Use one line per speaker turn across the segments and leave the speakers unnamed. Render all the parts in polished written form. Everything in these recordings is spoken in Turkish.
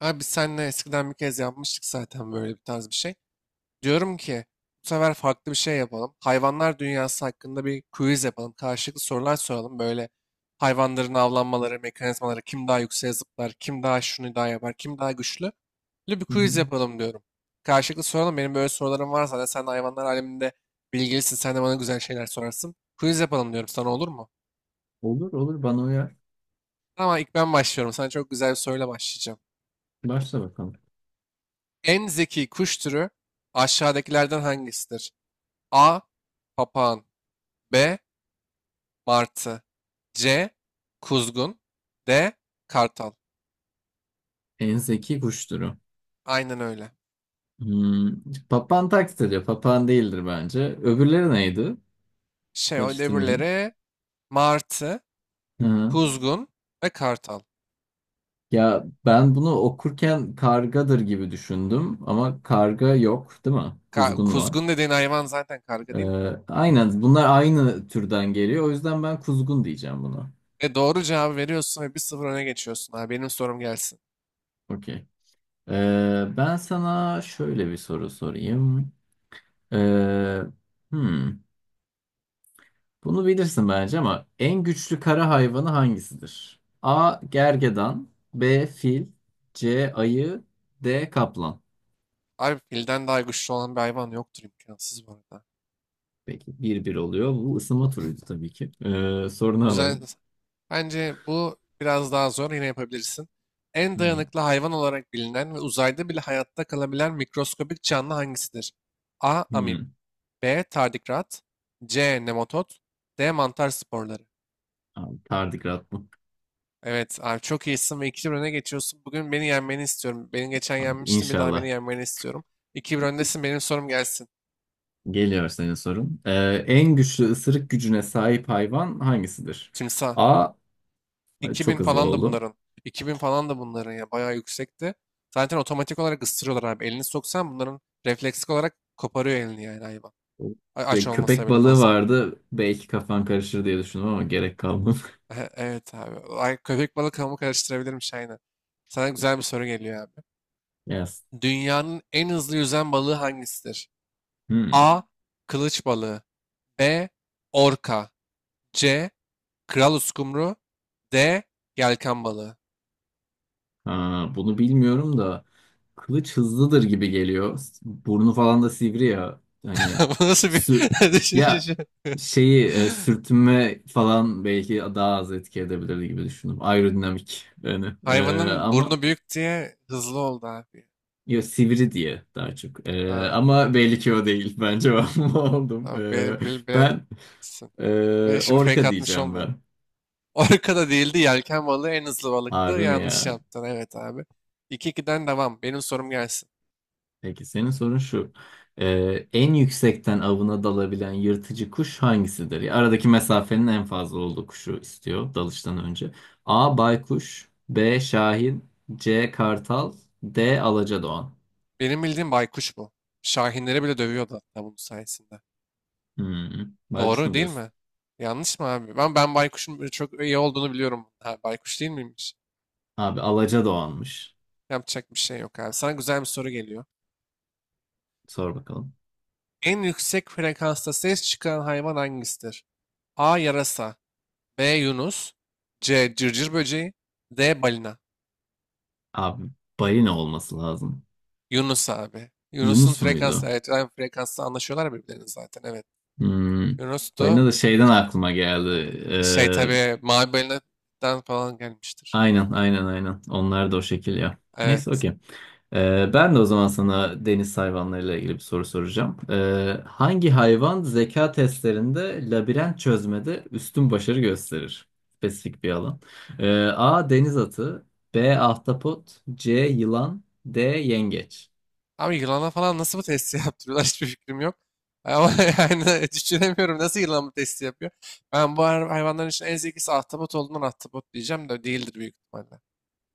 Abi biz seninle eskiden bir kez yapmıştık zaten böyle bir tarz bir şey. Diyorum ki bu sefer farklı bir şey yapalım. Hayvanlar dünyası hakkında bir quiz yapalım. Karşılıklı sorular soralım. Böyle hayvanların avlanmaları, mekanizmaları, kim daha yükseğe zıplar, kim daha şunu daha yapar, kim daha güçlü. Böyle bir
Hı hı.
quiz yapalım diyorum. Karşılıklı soralım. Benim böyle sorularım var zaten. Sen de hayvanlar aleminde bilgilisin. Sen de bana güzel şeyler sorarsın. Quiz yapalım diyorum sana, olur mu?
Olur olur bana uyar.
Ama ilk ben başlıyorum. Sana çok güzel bir soruyla başlayacağım.
Başla bakalım.
En zeki kuş türü aşağıdakilerden hangisidir? A. Papağan. B. Martı. C. Kuzgun. D. Kartal.
En zeki kuş türü.
Aynen öyle.
Hmm. Papağan taklit ediyor. Papağan değildir bence. Öbürleri neydi?
O
Karıştırmayayım.
öbürleri martı,
Hı. hı.
kuzgun ve kartal.
Ya ben bunu okurken kargadır gibi düşündüm ama karga yok değil mi?
Ka-
Kuzgun
kuzgun
var.
dediğin hayvan zaten karga
Ee,
değil mi?
aynen bunlar aynı türden geliyor. O yüzden ben kuzgun diyeceğim buna.
Doğru cevabı veriyorsun ve bir 0 öne geçiyorsun. Abi benim sorum gelsin.
Okey. Ben sana şöyle bir soru sorayım. Ee, hmm. Bunu bilirsin bence ama en güçlü kara hayvanı hangisidir? A. Gergedan, B. Fil, C. Ayı, D. Kaplan.
Abi filden daha güçlü olan bir hayvan yoktur, imkansız bu arada.
Peki bir bir oluyor. Bu ısınma turuydu tabii ki. Sorunu
Güzel.
alalım.
Bence bu biraz daha zor. Yine yapabilirsin. En
Hmm.
dayanıklı hayvan olarak bilinen ve uzayda bile hayatta kalabilen mikroskobik canlı hangisidir? A. Amip.
Hmm.
B. Tardigrat. C. Nematod. D. Mantar sporları.
Abi, tardigrat bu.
Evet abi, çok iyisin ve iki 1 öne geçiyorsun. Bugün beni yenmeni istiyorum. Beni geçen
Abi,
yenmiştin, bir daha beni
inşallah.
yenmeni istiyorum. 2-1 öndesin, benim sorum gelsin.
Geliyor senin sorun. En güçlü ısırık gücüne sahip hayvan hangisidir?
Timsah.
A. Ay, çok
2000
hızlı
falan da
oldu.
bunların. 2000 falan da bunların ya, bayağı yüksekti. Zaten otomatik olarak ısırıyorlar abi. Elini soksan bunların refleksik olarak koparıyor elini yani hayvan. Aç
Ve
olmasa
köpek
bile
balığı
bazı.
vardı. Belki kafan karışır diye düşündüm ama gerek kalmadı.
Evet abi. Ay, köpek balığı hamur karıştırabilirmiş aynen. Sana güzel bir soru geliyor abi.
Yes.
Dünyanın en hızlı yüzen balığı hangisidir?
Hmm.
A. Kılıç balığı. B. Orka. C. Kral uskumru. D. Yelken balığı.
Ha, bunu bilmiyorum da kılıç hızlıdır gibi geliyor. Burnu falan da sivri ya. Hani
Bu nasıl
sür
bir düşünce
ya
şu?
şeyi sürtünme falan belki daha az etki edebilir gibi düşündüm. Aerodinamik yani.
Hayvanın
Ama
burnu büyük diye hızlı oldu abi.
ya sivri diye daha çok.
Ha,
Ama belli ki o değil. Ben cevabımı aldım.
tamam,
E,
bil, bil,
Ben
bilememişsin. Ve şimdi fake
orka
atmış
diyeceğim
olmayayım.
ben.
Orka da değildi, yelken balığı en hızlı balıktı.
Harbi mi
Yanlış
ya?
yaptın, evet abi. İki 2'den devam. Benim sorum gelsin.
Peki senin sorun şu. En yüksekten avına dalabilen yırtıcı kuş hangisidir? Ya, aradaki mesafenin en fazla olduğu kuşu istiyor dalıştan önce. A. Baykuş, B. Şahin, C. Kartal, D. Alacadoğan.
Benim bildiğim baykuş bu. Şahinleri bile dövüyordu hatta bunun sayesinde.
Hmm, Baykuş
Doğru
mu
değil
diyorsun?
mi? Yanlış mı abi? Ben baykuşun böyle çok iyi olduğunu biliyorum. Ha, baykuş değil miymiş?
Abi Alacadoğan'mış.
Yapacak bir şey yok abi. Sana güzel bir soru geliyor.
Sor bakalım.
En yüksek frekansta ses çıkaran hayvan hangisidir? A. Yarasa. B. Yunus. C. Cırcır böceği. D. Balina.
Abi balina olması lazım.
Yunus abi. Yunus'un
Yunus
frekansı.
muydu?
Evet, aynı frekansta anlaşıyorlar birbirlerini zaten. Evet.
Hmm,
Yunus'tu.
Balina da şeyden
Ka-
aklıma geldi.
evet.
Ee,
Tabii mavi balinadan falan gelmiştir.
Aynen aynen aynen. Onlar da o şekil ya. Neyse
Evet.
okey. Ben de o zaman sana deniz hayvanlarıyla ilgili bir soru soracağım. Hangi hayvan zeka testlerinde labirent çözmede üstün başarı gösterir? Spesifik bir alan. A. Deniz atı, B. Ahtapot, C. Yılan, D. Yengeç.
Abi yılana falan nasıl bu testi yaptırıyorlar, hiçbir fikrim yok. Ama yani düşünemiyorum nasıl yılan bu testi yapıyor. Ben bu hayvanların için en zekisi ahtapot olduğundan ahtapot diyeceğim, de değildir büyük ihtimalle.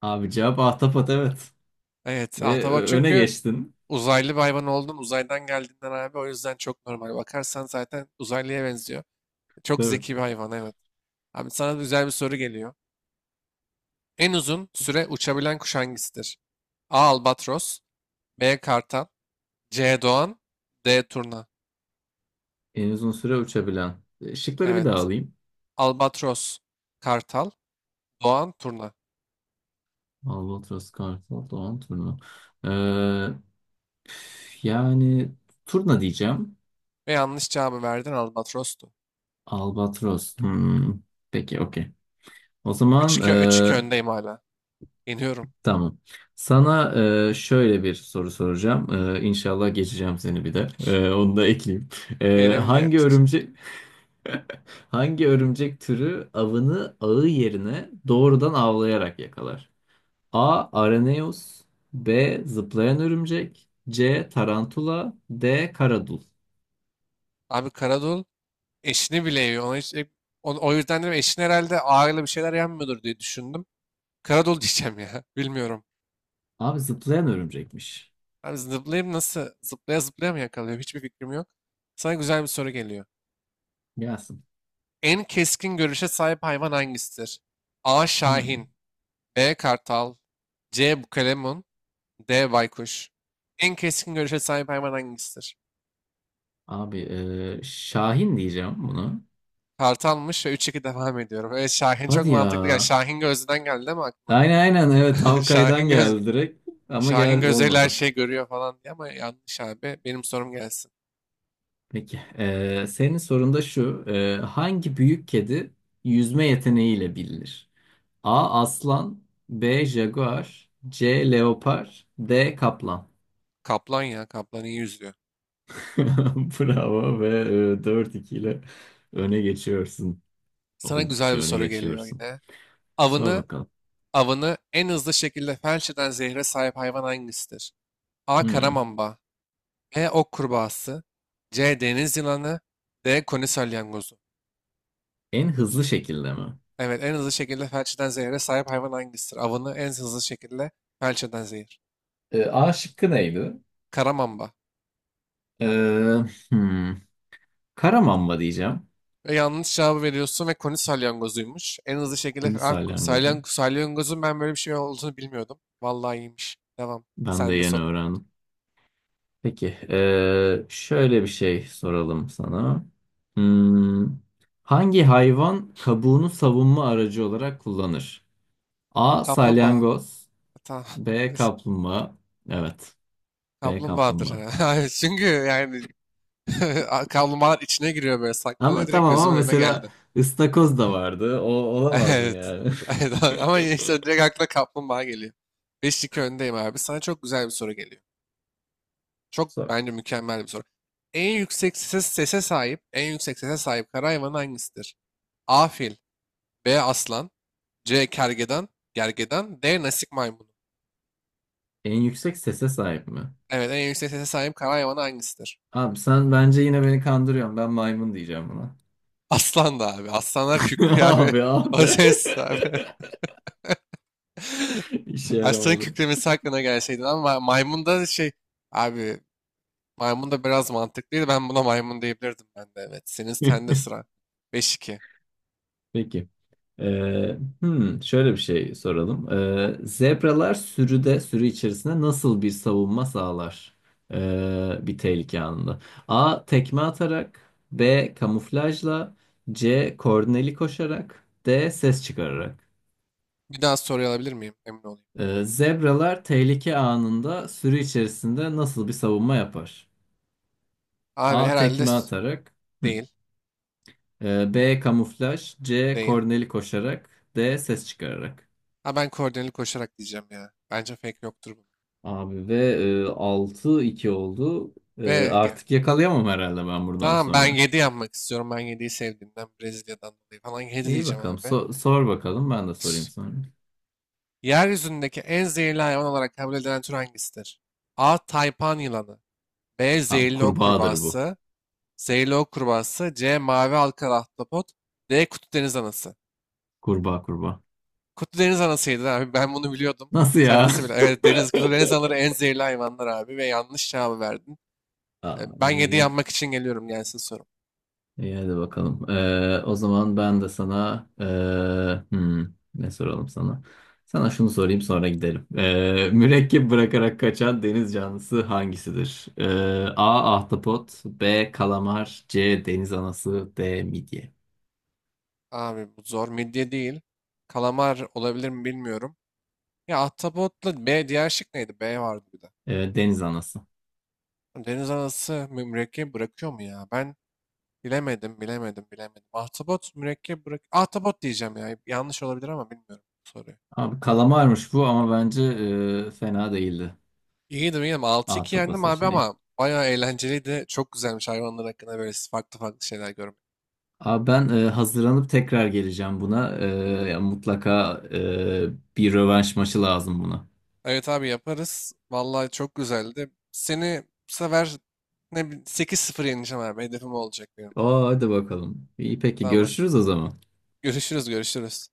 Abi cevap ahtapot, evet.
Evet
Ve
ahtapot
öne
çünkü
geçtin.
uzaylı bir hayvan oldun, uzaydan geldiğinden abi, o yüzden çok normal. Bakarsan zaten uzaylıya benziyor. Çok
Tabii.
zeki bir hayvan, evet. Abi sana güzel bir soru geliyor. En uzun süre uçabilen kuş hangisidir? A. Albatros. B. Kartal. C. Doğan. D. Turna.
En uzun süre uçabilen. Şıkları bir daha
Evet.
alayım.
Albatros, Kartal, Doğan, Turna.
Albatros, Kartal, Doğan, Turna. Yani turna diyeceğim.
Ve yanlış cevabı verdin, Albatros'tu.
Albatros. Peki okey. O
Üç
zaman
2 üç 2 öndeyim hala. Yeniyorum.
tamam. Sana şöyle bir soru soracağım. İnşallah geçeceğim seni bir de. Onu da ekleyeyim. E,
Yenemeyecek.
hangi örümcek Hangi örümcek türü avını ağı yerine doğrudan avlayarak yakalar? A. Araneus, B. Zıplayan örümcek, C. Tarantula, D. Karadul.
Abi Karadul. Eşini bile yiyor. Ona hiç, o yüzden dedim eşin herhalde ağırlı bir şeyler yenmiyordur diye düşündüm. Karadolu diyeceğim ya. Bilmiyorum.
Abi zıplayan örümcekmiş.
Abi zıplayayım nasıl? Zıplaya zıplaya mı yakalıyor? Hiçbir fikrim yok. Sana güzel bir soru geliyor.
Gelsin.
En keskin görüşe sahip hayvan hangisidir? A.
Hmm.
Şahin. B. Kartal. C. Bukalemun. D. Baykuş. En keskin görüşe sahip hayvan hangisidir?
Abi Şahin diyeceğim bunu.
Kartalmış ve 3-2 devam ediyorum. Evet Şahin çok
Hadi ya.
mantıklı. Yani Şahin gözden geldi değil mi aklına?
Aynen aynen, evet Havkay'dan
Şahin göz
geldi direkt. Ama
Şahin
gel
Gözel her
olmadı.
şeyi görüyor falan diye, ama yanlış abi. Benim sorum gelsin.
Peki. Senin sorun da şu. Hangi büyük kedi yüzme yeteneğiyle bilinir? A. Aslan, B. Jaguar, C. Leopar, D. Kaplan.
Kaplan ya. Kaplan iyi yüzüyor.
Bravo, ve 4-2 ile öne geçiyorsun.
Sana güzel
Oldukça
bir
öne
soru geliyor
geçiyorsun.
yine.
Sor
Avını,
bakalım.
avını en hızlı şekilde felç eden zehre sahip hayvan hangisidir? A.
Hmm.
Karamamba. B. Ok kurbağası. C. Deniz yılanı. D. Koni salyangozu.
En hızlı şekilde mi?
Evet, en hızlı şekilde felç eden zehre sahip hayvan hangisidir? Avını en hızlı şekilde felç eden zehir.
A şıkkı neydi?
Karamamba.
Ee, hmm. Karamamba diyeceğim.
Ve yanlış cevabı veriyorsun ve koni salyangozuymuş. En hızlı şekilde
Huni
abi
salyangozu.
salyangozun ben böyle bir şey olduğunu bilmiyordum. Vallahi iyiymiş. Devam.
Ben de
Sen de
yeni
soru.
öğrendim. Peki, şöyle bir şey soralım sana. Hmm, Hangi hayvan kabuğunu savunma aracı olarak kullanır? A.
Kaplumbağa.
Salyangoz,
Tamam.
B. Kaplumbağa. Evet, B.
Kaplumbağadır.
Kaplumbağa.
Hayır, çünkü yani kaplumbağalar içine giriyor, böyle saklanıyor,
Ama
direkt
tamam, ama
gözümün önüne
mesela
geldi.
ıstakoz da vardı. O olamaz mı
Evet.
yani?
Evet, ama işte direkt akla kaplumbağa geliyor. 5-2 öndeyim abi. Sana çok güzel bir soru geliyor. Çok,
Sor.
bence mükemmel bir soru. En yüksek sese sahip, en yüksek sese sahip kara hayvanı hangisidir? A fil, B aslan, C kergeden, gergedan, D nasik maymunu.
En yüksek sese sahip mi?
Evet, en yüksek sese sahip kara hayvanı hangisidir?
Abi sen bence yine beni kandırıyorsun. Ben maymun diyeceğim buna.
Aslan da abi. Aslanlar kükrüyor abi.
Abi
O
abi.
ses abi.
İşe
Aslanın
yaramadı.
kükremesi hakkında gelseydi, ama maymun da abi, maymun da biraz mantıklıydı. Ben buna maymun diyebilirdim ben de, evet. Senin sende sıra. Beş iki.
Peki. Şöyle bir şey soralım. Sürü içerisinde nasıl bir savunma sağlar? Bir tehlike anında. A. Tekme atarak, B. Kamuflajla, C. Koordineli koşarak, D. Ses çıkararak.
Bir daha soru alabilir miyim? Emin olayım.
Zebralar tehlike anında sürü içerisinde nasıl bir savunma yapar?
Abi
A.
herhalde
Tekme atarak. Hı.
değil.
B. Kamuflaj. C.
Değil.
Korneli koşarak. D. Ses çıkararak.
Ha, ben koordineli koşarak diyeceğim ya. Bence fake yoktur bu.
Abi ve 6-2 oldu.
Ve ge-
Artık yakalayamam herhalde ben buradan
Tamam, ben
sonra.
7 yapmak istiyorum. Ben yediyi sevdiğimden Brezilya'dan dolayı falan 7
İyi
diyeceğim
bakalım.
abi.
Sor bakalım ben de sorayım sonra.
Yeryüzündeki en zehirli hayvan olarak kabul edilen tür hangisidir? A. Taypan yılanı. B.
Abi
Zehirli ok
kurbağadır bu.
kurbağası. Zehirli ok kurbağası. C. Mavi halkalı ahtapot. D. Kutu deniz anası.
Kurbağa kurbağa.
Kutu deniz anasıydı abi. Ben bunu biliyordum.
Nasıl
Sen
ya?
nasıl biliyorsun? Evet kutu deniz anaları en zehirli hayvanlar abi ve yanlış cevabı verdin. Ben 7
Abi.
yapmak için geliyorum, gelsin sorum.
İyi hadi bakalım. O zaman ben de sana ne soralım sana? Sana şunu sorayım sonra gidelim. Mürekkep bırakarak kaçan deniz canlısı hangisidir? A. Ahtapot, B. Kalamar, C. Deniz anası, D. Midye.
Abi bu zor. Midye değil. Kalamar olabilir mi bilmiyorum. Ya Ahtapot'la B, diğer şık neydi? B vardı bir de.
Deniz anası.
Deniz anası mürekkep bırakıyor mu ya? Ben bilemedim, bilemedim, bilemedim. Ahtapot mürekkep bırak. Ahtapot diyeceğim ya. Yanlış olabilir ama bilmiyorum bu soruyu.
Abi kalamarmış bu ama bence fena değildi.
İyiydim, iyiydim. 6-2
Ahtapot
yendim abi,
seçeneği.
ama bayağı eğlenceliydi. Çok güzelmiş hayvanlar hakkında böyle farklı farklı şeyler görmek.
Abi ben hazırlanıp tekrar geleceğim buna. Ya mutlaka bir rövanş maçı lazım buna.
Evet abi, yaparız. Vallahi çok güzeldi. Seni bu sefer 8 sıfır yeneceğim abi. Hedefim o olacak benim.
Aa hadi bakalım. İyi peki
Tamam hadi.
görüşürüz o zaman.
Görüşürüz, görüşürüz.